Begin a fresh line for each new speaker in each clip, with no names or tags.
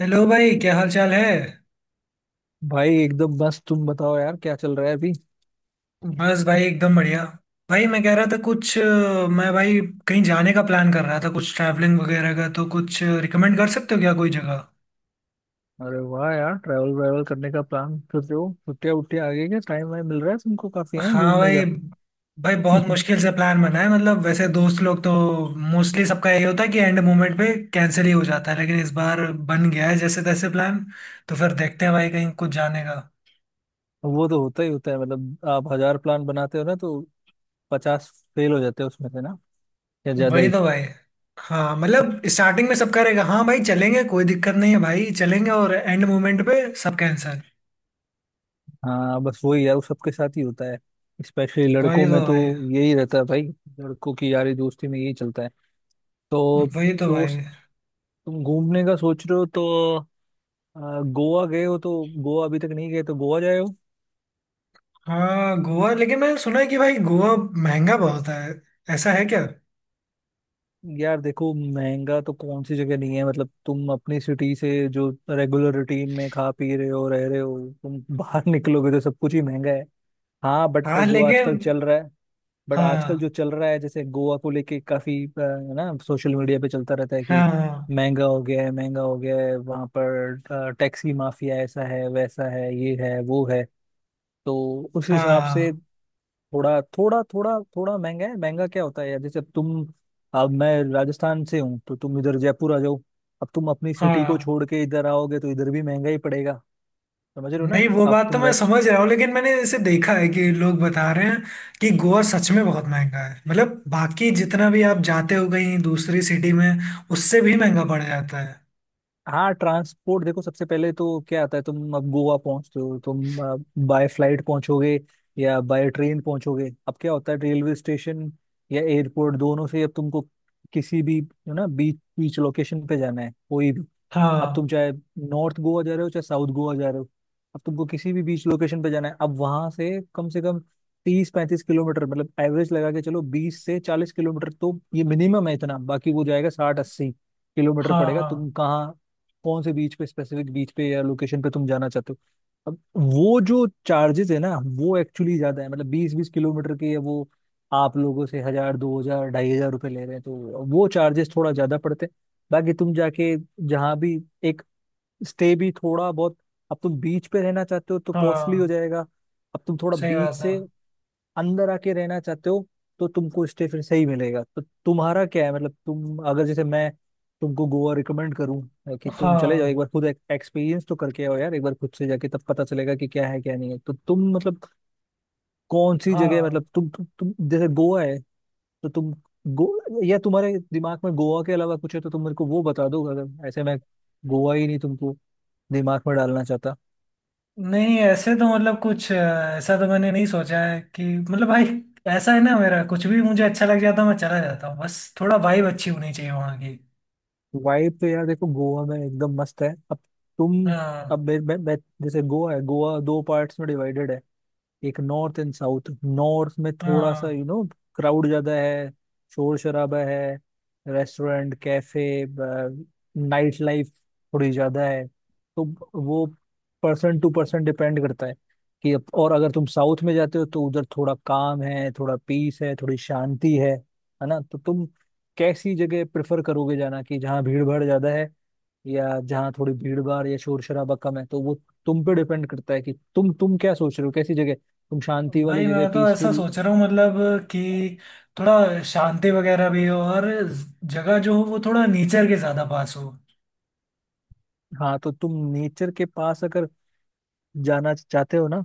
Hello भाई क्या हाल चाल है।
भाई एकदम बस, तुम बताओ यार क्या चल रहा है अभी।
बस भाई एकदम बढ़िया। भाई मैं कह रहा था कुछ मैं भाई कहीं जाने का प्लान कर रहा था कुछ ट्रैवलिंग वगैरह का, तो कुछ रिकमेंड कर सकते हो क्या कोई जगह?
अरे वाह यार, ट्रैवल व्रैवल करने का प्लान कर रहे हो? छुट्टियाँ वुट्टियाँ आ गई क्या? टाइम वाइम मिल रहा है तुमको? काफी है
हाँ
घूमने
भाई।
का?
भाई बहुत मुश्किल से प्लान बना है। मतलब वैसे दोस्त लोग तो मोस्टली सबका यही होता है कि एंड मोमेंट पे कैंसिल ही हो जाता है, लेकिन इस बार बन गया है जैसे तैसे प्लान। तो फिर देखते हैं भाई कहीं कुछ जाने का।
वो तो होता ही होता है। मतलब आप हजार प्लान बनाते हो ना तो 50 फेल हो जाते हैं उसमें से ना, या ज्यादा
वही
ही।
तो भाई। हाँ मतलब स्टार्टिंग में सबका रहेगा, हाँ भाई चलेंगे कोई दिक्कत नहीं है भाई चलेंगे, और एंड मोमेंट पे सब कैंसल।
हाँ बस वही यार, वो सबके साथ ही होता है। स्पेशली
वही
लड़कों
तो
में तो
भाई।
यही रहता है भाई। लड़कों की यारी दोस्ती में यही चलता है तो।
वही तो भाई।
दोस्त, तुम घूमने का सोच रहे हो तो अ, गोवा गए हो तो? गोवा अभी तक नहीं गए तो गोवा जाए।
हाँ गोवा, लेकिन मैंने सुना है कि भाई गोवा महंगा बहुत है। ऐसा है क्या?
यार देखो, महंगा तो कौन सी जगह नहीं है। मतलब तुम अपनी सिटी से जो रेगुलर रूटीन में खा पी रहे हो, रह रहे हो, तुम बाहर निकलोगे तो सब कुछ ही महंगा है। हाँ, बट
हाँ
जो आजकल
लेकिन।
चल रहा है, बट आजकल जो
हाँ
चल रहा है, जैसे गोवा को लेके काफी है ना, सोशल मीडिया पे चलता रहता है कि
हाँ।
महंगा हो गया है, महंगा हो गया है वहां पर। टैक्सी माफिया ऐसा है वैसा है, ये है वो है। तो उस हिसाब से
हाँ।
थोड़ा थोड़ा थोड़ा थोड़ा महंगा है। महंगा क्या होता है यार? जैसे अब तुम, अब मैं राजस्थान से हूँ तो तुम इधर जयपुर आ जाओ। अब तुम अपनी सिटी को
हाँ।
छोड़ के इधर आओगे तो इधर भी महंगा ही पड़ेगा। समझ रहे हो ना?
नहीं वो
अब
बात तो
तुम
मैं
रह।
समझ रहा हूँ, लेकिन मैंने इसे देखा है कि लोग बता रहे हैं कि गोवा सच में बहुत महंगा है। मतलब बाकी जितना भी आप जाते हो कहीं दूसरी सिटी में, उससे भी महंगा पड़ जाता है।
हाँ, ट्रांसपोर्ट देखो। सबसे पहले तो क्या आता है, तुम अब गोवा पहुंचते हो तुम, बाय फ्लाइट पहुंचोगे या बाय ट्रेन पहुंचोगे। अब क्या होता है, रेलवे स्टेशन या एयरपोर्ट दोनों से अब तुमको किसी भी यू ना बीच बीच लोकेशन पे जाना है कोई भी। अब तुम
हाँ।
चाहे नॉर्थ गोवा जा रहे हो चाहे साउथ गोवा जा रहे हो, अब तुमको किसी भी बीच लोकेशन पे जाना है। अब वहां से कम 30-35 किलोमीटर, मतलब एवरेज लगा के चलो 20 से 40 किलोमीटर, तो ये मिनिमम है इतना, बाकी वो जाएगा 60-80 किलोमीटर
हाँ।
पड़ेगा।
हाँ।
तुम कहाँ, कौन से बीच पे, स्पेसिफिक बीच पे या लोकेशन पे तुम जाना चाहते हो? अब वो जो चार्जेस है ना, वो एक्चुअली ज्यादा है। मतलब 20-20 किलोमीटर के वो आप लोगों से 1000, 2000, 2500 रुपये ले रहे हैं, तो वो चार्जेस थोड़ा ज्यादा पड़ते हैं। बाकी तुम जाके जहाँ भी, एक स्टे भी थोड़ा बहुत, अब तुम बीच पे रहना चाहते हो तो कॉस्टली हो
हाँ।
जाएगा। अब तुम थोड़ा
सही
बीच
बात है।
से अंदर आके रहना चाहते हो तो तुमको स्टे फिर सही मिलेगा। तो तुम्हारा क्या है, मतलब तुम अगर, जैसे मैं तुमको गोवा रिकमेंड करूं, कि तुम चले जाओ एक
हाँ।
बार खुद, एक्सपीरियंस तो करके आओ यार एक बार खुद से जाके, तब पता चलेगा कि क्या है क्या नहीं है। तो तुम मतलब कौन सी जगह,
हाँ।
मतलब तुम, जैसे गोवा है तो तुम गो, या तुम्हारे दिमाग में गोवा के अलावा कुछ है तो तुम मेरे को वो बता दो, अगर ऐसे मैं गोवा ही नहीं तुमको दिमाग में डालना चाहता।
नहीं ऐसे तो मतलब कुछ ऐसा तो मैंने नहीं सोचा है कि मतलब भाई, ऐसा है ना, मेरा कुछ भी मुझे अच्छा लग जाता है मैं चला जाता हूँ। बस थोड़ा वाइब अच्छी होनी चाहिए वहाँ की।
वाइब तो यार देखो, गोवा में एकदम मस्त है। अब तुम,
हाँ।
अब जैसे गोवा है, गोवा दो पार्ट्स में डिवाइडेड है। एक नॉर्थ एंड साउथ। नॉर्थ में थोड़ा सा,
हाँ।
यू नो, क्राउड ज्यादा है, शोर शराबा है, रेस्टोरेंट कैफे नाइट लाइफ थोड़ी ज्यादा है। तो वो पर्सन टू पर्सन डिपेंड करता है कि और अगर तुम साउथ में जाते हो तो उधर थोड़ा काम है, थोड़ा पीस है, थोड़ी शांति है। है ना? तो तुम कैसी जगह प्रेफर करोगे जाना, कि जहाँ भीड़ भाड़ ज्यादा है या जहाँ थोड़ी भीड़ भाड़ या शोर शराबा कम है? तो वो तुम पे डिपेंड करता है कि तुम क्या सोच रहे हो, कैसी जगह, तुम शांति वाली
भाई
जगह
मैं तो ऐसा
पीसफुल।
सोच रहा हूँ मतलब कि थोड़ा शांति वगैरह भी हो, और जगह जो हो वो थोड़ा नेचर के ज्यादा पास हो।
हाँ, तो तुम नेचर के पास अगर जाना चाहते हो ना,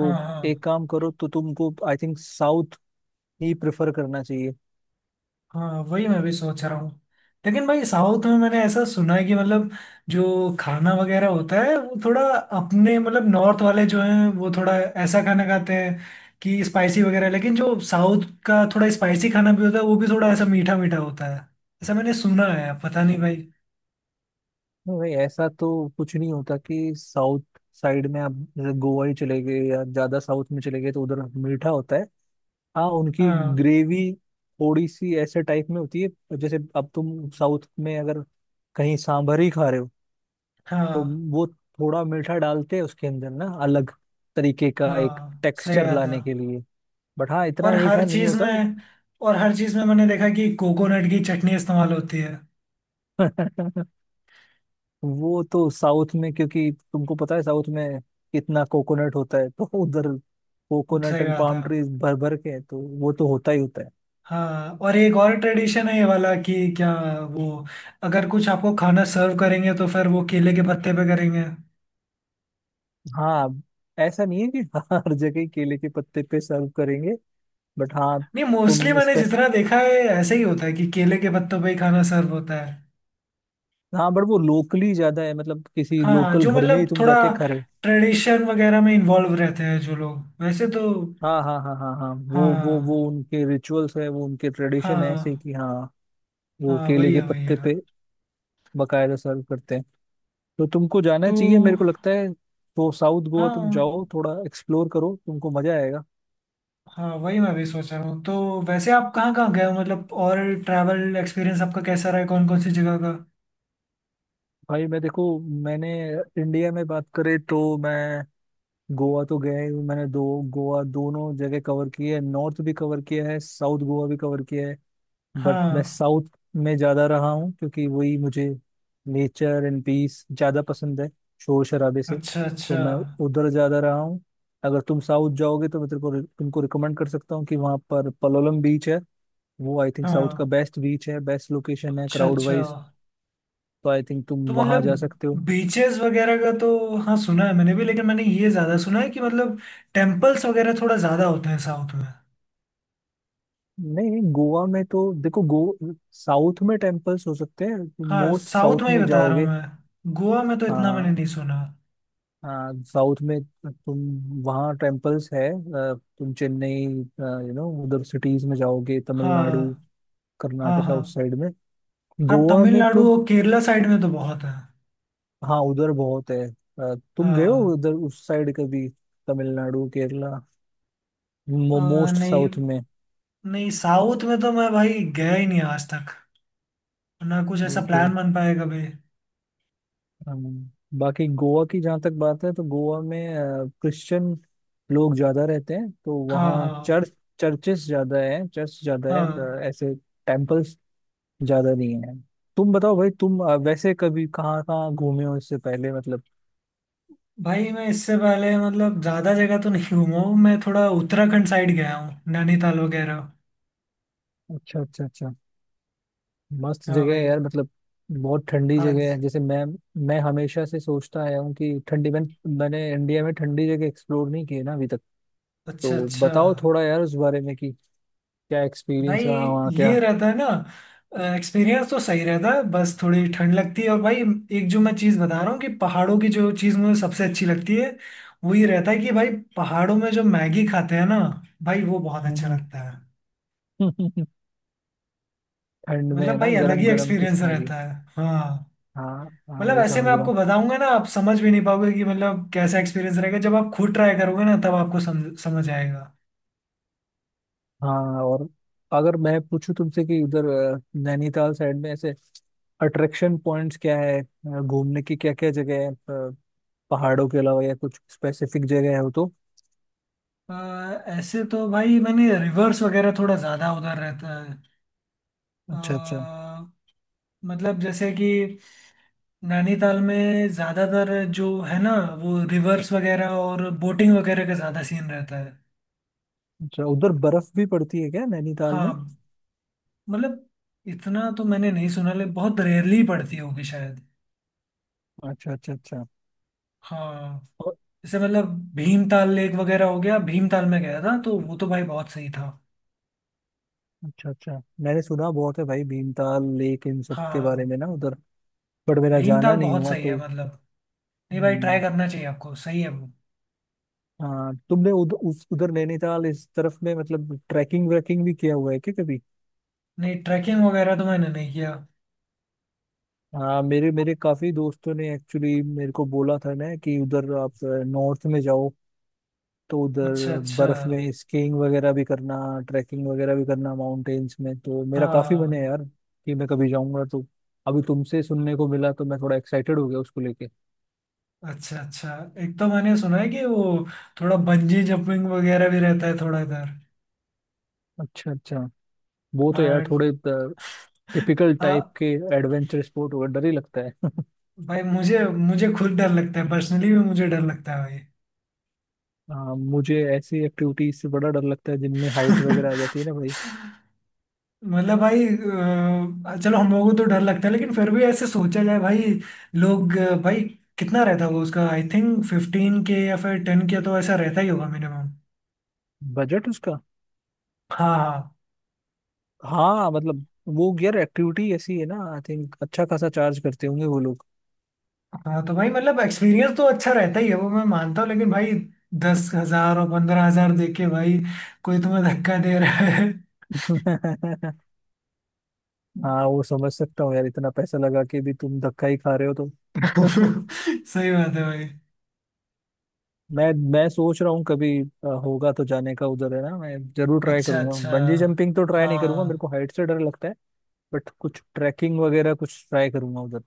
हाँ। हाँ।
एक काम करो, तो तुमको आई थिंक साउथ ही प्रेफर करना चाहिए।
हाँ वही मैं भी सोच रहा हूँ। लेकिन भाई साउथ में मैंने ऐसा सुना है कि मतलब जो खाना वगैरह होता है वो थोड़ा अपने मतलब नॉर्थ वाले जो हैं वो थोड़ा ऐसा खाना खाते हैं कि स्पाइसी वगैरह, लेकिन जो साउथ का थोड़ा स्पाइसी खाना भी होता है वो भी थोड़ा ऐसा मीठा मीठा होता है। ऐसा मैंने सुना है, पता नहीं भाई।
नहीं भाई, ऐसा तो कुछ नहीं होता कि साउथ साइड में आप, जैसे गोवा ही चले गए या ज्यादा साउथ में चले गए तो उधर मीठा होता है, हाँ। उनकी
हाँ।
ग्रेवी थोड़ी सी ऐसे टाइप में होती है। जैसे अब तुम साउथ में अगर कहीं सांभर ही खा रहे हो, तो
हाँ।
वो थोड़ा मीठा डालते हैं उसके अंदर ना, अलग तरीके का एक
हाँ सही
टेक्सचर
बात है।
लाने के लिए। बट हाँ,
और
इतना
हर
मीठा नहीं
चीज
होता।
में, और हर चीज में मैंने देखा कि कोकोनट की चटनी इस्तेमाल होती है।
वो तो साउथ में, क्योंकि तुमको पता है साउथ में कितना कोकोनट होता है, तो उधर कोकोनट
सही
एंड
बात है।
पाम ट्रीज भर भर के हैं, तो वो तो होता ही होता है।
हाँ, और एक और ट्रेडिशन है ये वाला कि क्या वो, अगर कुछ आपको खाना सर्व करेंगे तो फिर वो केले के पत्ते पे करेंगे।
हाँ, ऐसा नहीं है कि हर जगह ही केले के पत्ते पे सर्व करेंगे। बट हाँ,
नहीं मोस्टली
तुम
मैंने
स्पेस।
जितना देखा है ऐसे ही होता है कि केले के पत्तों पे ही खाना सर्व होता है।
हाँ बट वो लोकली ज्यादा है, मतलब किसी
हाँ
लोकल
जो
घर में ही
मतलब
तुम
थोड़ा
जाके खा रहे हो।
ट्रेडिशन वगैरह में इन्वॉल्व रहते हैं जो लोग वैसे तो।
हाँ हाँ हाँ हाँ हाँ, वो
हाँ
उनके रिचुअल्स है, वो उनके ट्रेडिशन है, ऐसे
हाँ।
कि हाँ, वो
हाँ
केले
वही
के
है वही है।
पत्ते पे बकायदा सर्व करते हैं। तो तुमको जाना
तो
चाहिए, मेरे को लगता है। तो साउथ गोवा तुम
हाँ।
जाओ, थोड़ा एक्सप्लोर करो, तुमको मजा आएगा।
हाँ वही मैं भी सोच रहा हूँ, तो वैसे आप कहाँ कहाँ गए हो मतलब और ट्रैवल एक्सपीरियंस आपका कैसा रहा है कौन कौन सी जगह का?
भाई मैं देखो, मैंने इंडिया में बात करे तो मैं गोवा तो गया ही हूँ। मैंने दो, गोवा दोनों जगह कवर किए है, नॉर्थ भी कवर किया है, साउथ गोवा भी कवर किया है। बट
हाँ।
मैं साउथ में ज्यादा रहा हूँ, क्योंकि वही मुझे नेचर एंड पीस ज्यादा पसंद है, शोर शराबे से।
अच्छा
तो
अच्छा।
मैं उधर ज्यादा रहा हूँ। अगर तुम साउथ जाओगे तो मैं तेरे को, तुमको रिकमेंड कर सकता हूँ कि वहाँ पर पलोलम बीच है। वो आई थिंक साउथ का
हाँ।
बेस्ट बीच है, बेस्ट लोकेशन है
अच्छा
क्राउड
अच्छा।
वाइज। तो आई थिंक तुम
तो
वहाँ
मतलब
जा सकते हो।
बीचेस वगैरह का तो हाँ सुना है मैंने भी, लेकिन मैंने ये ज़्यादा सुना है कि मतलब टेम्पल्स वगैरह थोड़ा ज़्यादा होते हैं साउथ में।
नहीं नहीं, गोवा में तो देखो गो, साउथ में टेम्पल्स हो सकते हैं,
हाँ
मोस्ट
साउथ
साउथ
में ही
में
बता रहा हूँ
जाओगे।
मैं, गोवा में तो इतना मैंने
हाँ
नहीं सुना।
हाँ, साउथ में तुम, वहाँ टेम्पल्स है। तुम चेन्नई, यू नो, उधर सिटीज में जाओगे,
हाँ।
तमिलनाडु
हाँ।
कर्नाटका
हाँ।
उस साइड में।
हाँ
गोवा में तो,
तमिलनाडु और केरला साइड में तो बहुत है।
हाँ, उधर बहुत है। तुम गए हो
हाँ।
उधर उस साइड कभी, तमिलनाडु केरला, मोस्ट
नहीं।
साउथ में?
नहीं साउथ में तो मैं भाई गया ही नहीं आज तक। ना कुछ ऐसा
ओके।
प्लान बन पाया कभी।
हम, बाकी गोवा की जहाँ तक बात है, तो गोवा में क्रिश्चियन लोग ज्यादा रहते हैं, तो
हाँ।
वहाँ
हाँ।
चर्च, चर्चेस ज्यादा है, चर्च ज्यादा है,
हाँ
ऐसे टेम्पल्स ज्यादा नहीं है। तुम बताओ भाई, तुम वैसे कभी कहाँ कहाँ घूमे हो इससे पहले, मतलब?
भाई मैं इससे पहले मतलब ज़्यादा जगह तो नहीं घूमा हूँ। मैं थोड़ा उत्तराखंड साइड गया हूँ, नैनीताल वगैरह।
अच्छा अच्छा अच्छा, मस्त
हाँ
जगह है
भाई।
यार, मतलब बहुत ठंडी
हाँ।
जगह है। जैसे मैं हमेशा से सोचता आया हूँ कि ठंडी, मैं, मैंने इंडिया में ठंडी जगह एक्सप्लोर नहीं की है ना अभी तक। तो
अच्छा अच्छा।
बताओ थोड़ा यार उस बारे में कि क्या
भाई
एक्सपीरियंस रहा वहाँ
ये
क्या।
रहता है ना, एक्सपीरियंस तो सही रहता है, बस थोड़ी ठंड लगती है। और भाई एक जो मैं चीज़ बता रहा हूँ कि पहाड़ों की जो चीज़ मुझे सबसे अच्छी लगती है वो ये रहता है कि भाई पहाड़ों में जो मैगी खाते हैं ना भाई, वो बहुत अच्छा
हम्म।
लगता है।
ठंड में
मतलब
है ना,
भाई अलग
गरम
ही
गरम कुछ
एक्सपीरियंस
मैगी।
रहता है। हाँ।
हाँ हाँ,
मतलब
वही
ऐसे मैं
समझ रहा
आपको
हूँ।
बताऊंगा ना आप समझ भी नहीं पाओगे कि मतलब कैसा एक्सपीरियंस रहेगा। जब आप खुद ट्राई करोगे ना तब आपको समझ समझ आएगा।
हाँ, और अगर मैं पूछूं तुमसे कि उधर नैनीताल साइड में ऐसे अट्रैक्शन पॉइंट्स क्या है, घूमने की क्या क्या जगह है, पहाड़ों के अलावा या कुछ स्पेसिफिक जगह हो तो?
अ, ऐसे तो भाई मैंने रिवर्स वगैरह थोड़ा ज़्यादा उधर रहता है। अ,
अच्छा अच्छा
मतलब जैसे कि नैनीताल में ज़्यादातर जो है ना वो रिवर्स वगैरह और बोटिंग वगैरह का ज़्यादा सीन रहता है।
अच्छा, उधर बर्फ भी पड़ती है क्या नैनीताल में?
हाँ मतलब इतना तो मैंने नहीं सुना ले, बहुत रेयरली पड़ती होगी शायद।
अच्छा अच्छा अच्छा।
हाँ।
और-।
जैसे मतलब भीमताल लेक वगैरह हो गया। भीमताल में गया था तो वो तो भाई बहुत सही था।
अच्छा अच्छा, मैंने सुना बहुत है भाई भीमताल लेक, इन सब के बारे
हाँ
में ना उधर। बट मेरा जाना
भीमताल
नहीं
बहुत
हुआ
सही
तो।
है। मतलब नहीं भाई ट्राई
हम्म,
करना चाहिए आपको, सही है वो।
हाँ, तुमने उधर, उस उधर नैनीताल इस तरफ में मतलब ट्रैकिंग व्रैकिंग भी किया हुआ है क्या कभी?
नहीं ट्रैकिंग वगैरह तो मैंने नहीं किया।
हाँ, मेरे मेरे काफी दोस्तों ने एक्चुअली मेरे को बोला था ना कि उधर आप नॉर्थ में जाओ, तो
अच्छा
उधर
अच्छा।
बर्फ में स्कीइंग वगैरह भी करना, ट्रैकिंग वगैरह भी करना माउंटेन्स में, तो मेरा काफी मन
हाँ।
है यार कि मैं कभी जाऊंगा तो। अभी तुमसे सुनने को मिला तो मैं थोड़ा एक्साइटेड हो गया उसको लेके।
अच्छा अच्छा। एक तो मैंने सुना है कि वो थोड़ा बंजी जंपिंग वगैरह भी रहता है थोड़ा इधर।
अच्छा अच्छा, वो तो यार
हाँ।
थोड़े टिपिकल टाइप
आ,
के एडवेंचर स्पोर्ट होगा, डर ही लगता है।
भाई मुझे मुझे खुद डर लगता है, पर्सनली भी मुझे डर लगता है।
हाँ, मुझे ऐसी एक्टिविटीज से बड़ा डर लगता है, जिनमें हाइट
भाई
वगैरह आ जाती है ना भाई।
मतलब भाई चलो हम लोगों को तो डर लगता है, लेकिन फिर भी ऐसे सोचा जाए भाई। लोग भाई कितना रहता होगा उसका, आई थिंक 15 के या फिर 10 के तो ऐसा रहता ही होगा मिनिमम।
बजट उसका?
हाँ।
हाँ मतलब, वो यार एक्टिविटी ऐसी है ना, आई थिंक अच्छा खासा चार्ज करते होंगे वो लोग।
हाँ। हाँ तो भाई मतलब एक्सपीरियंस तो अच्छा रहता ही है वो मैं मानता हूँ, लेकिन भाई 10,000 और 15,000 दे के भाई कोई तुम्हें धक्का दे रहा है।
हाँ, वो समझ सकता हूँ यार, इतना पैसा लगा के भी तुम धक्का ही खा रहे हो तो।
सही बात है भाई।
मैं सोच रहा हूँ कभी होगा तो जाने का उधर है ना, मैं जरूर ट्राई
अच्छा
करूंगा।
अच्छा।
बंजी जंपिंग तो ट्राई नहीं करूंगा, मेरे
हाँ।
को हाइट से डर लगता है। बट कुछ ट्रैकिंग वगैरह कुछ ट्राई करूंगा उधर।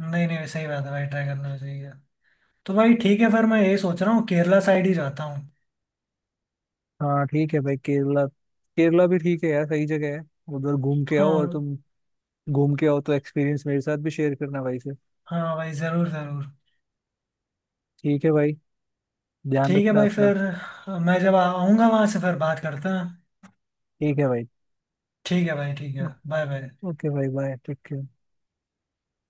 नहीं नहीं सही बात है भाई ट्राई करना चाहिए। तो भाई ठीक है फिर, मैं यही सोच रहा हूँ केरला साइड ही जाता हूँ।
हाँ ठीक है भाई, केरला, केरला भी ठीक है यार, सही जगह है। उधर घूम के आओ, और
हाँ।
तुम घूम के आओ तो एक्सपीरियंस मेरे साथ भी शेयर करना भाई से।
हाँ भाई जरूर जरूर।
ठीक है भाई, ध्यान
ठीक है
रखना
भाई
अपना।
फिर मैं जब आऊँगा वहां से फिर बात करते हैं।
ठीक है भाई।
ठीक है भाई ठीक है, बाय बाय।
ओके भाई, बाय टेक केयर।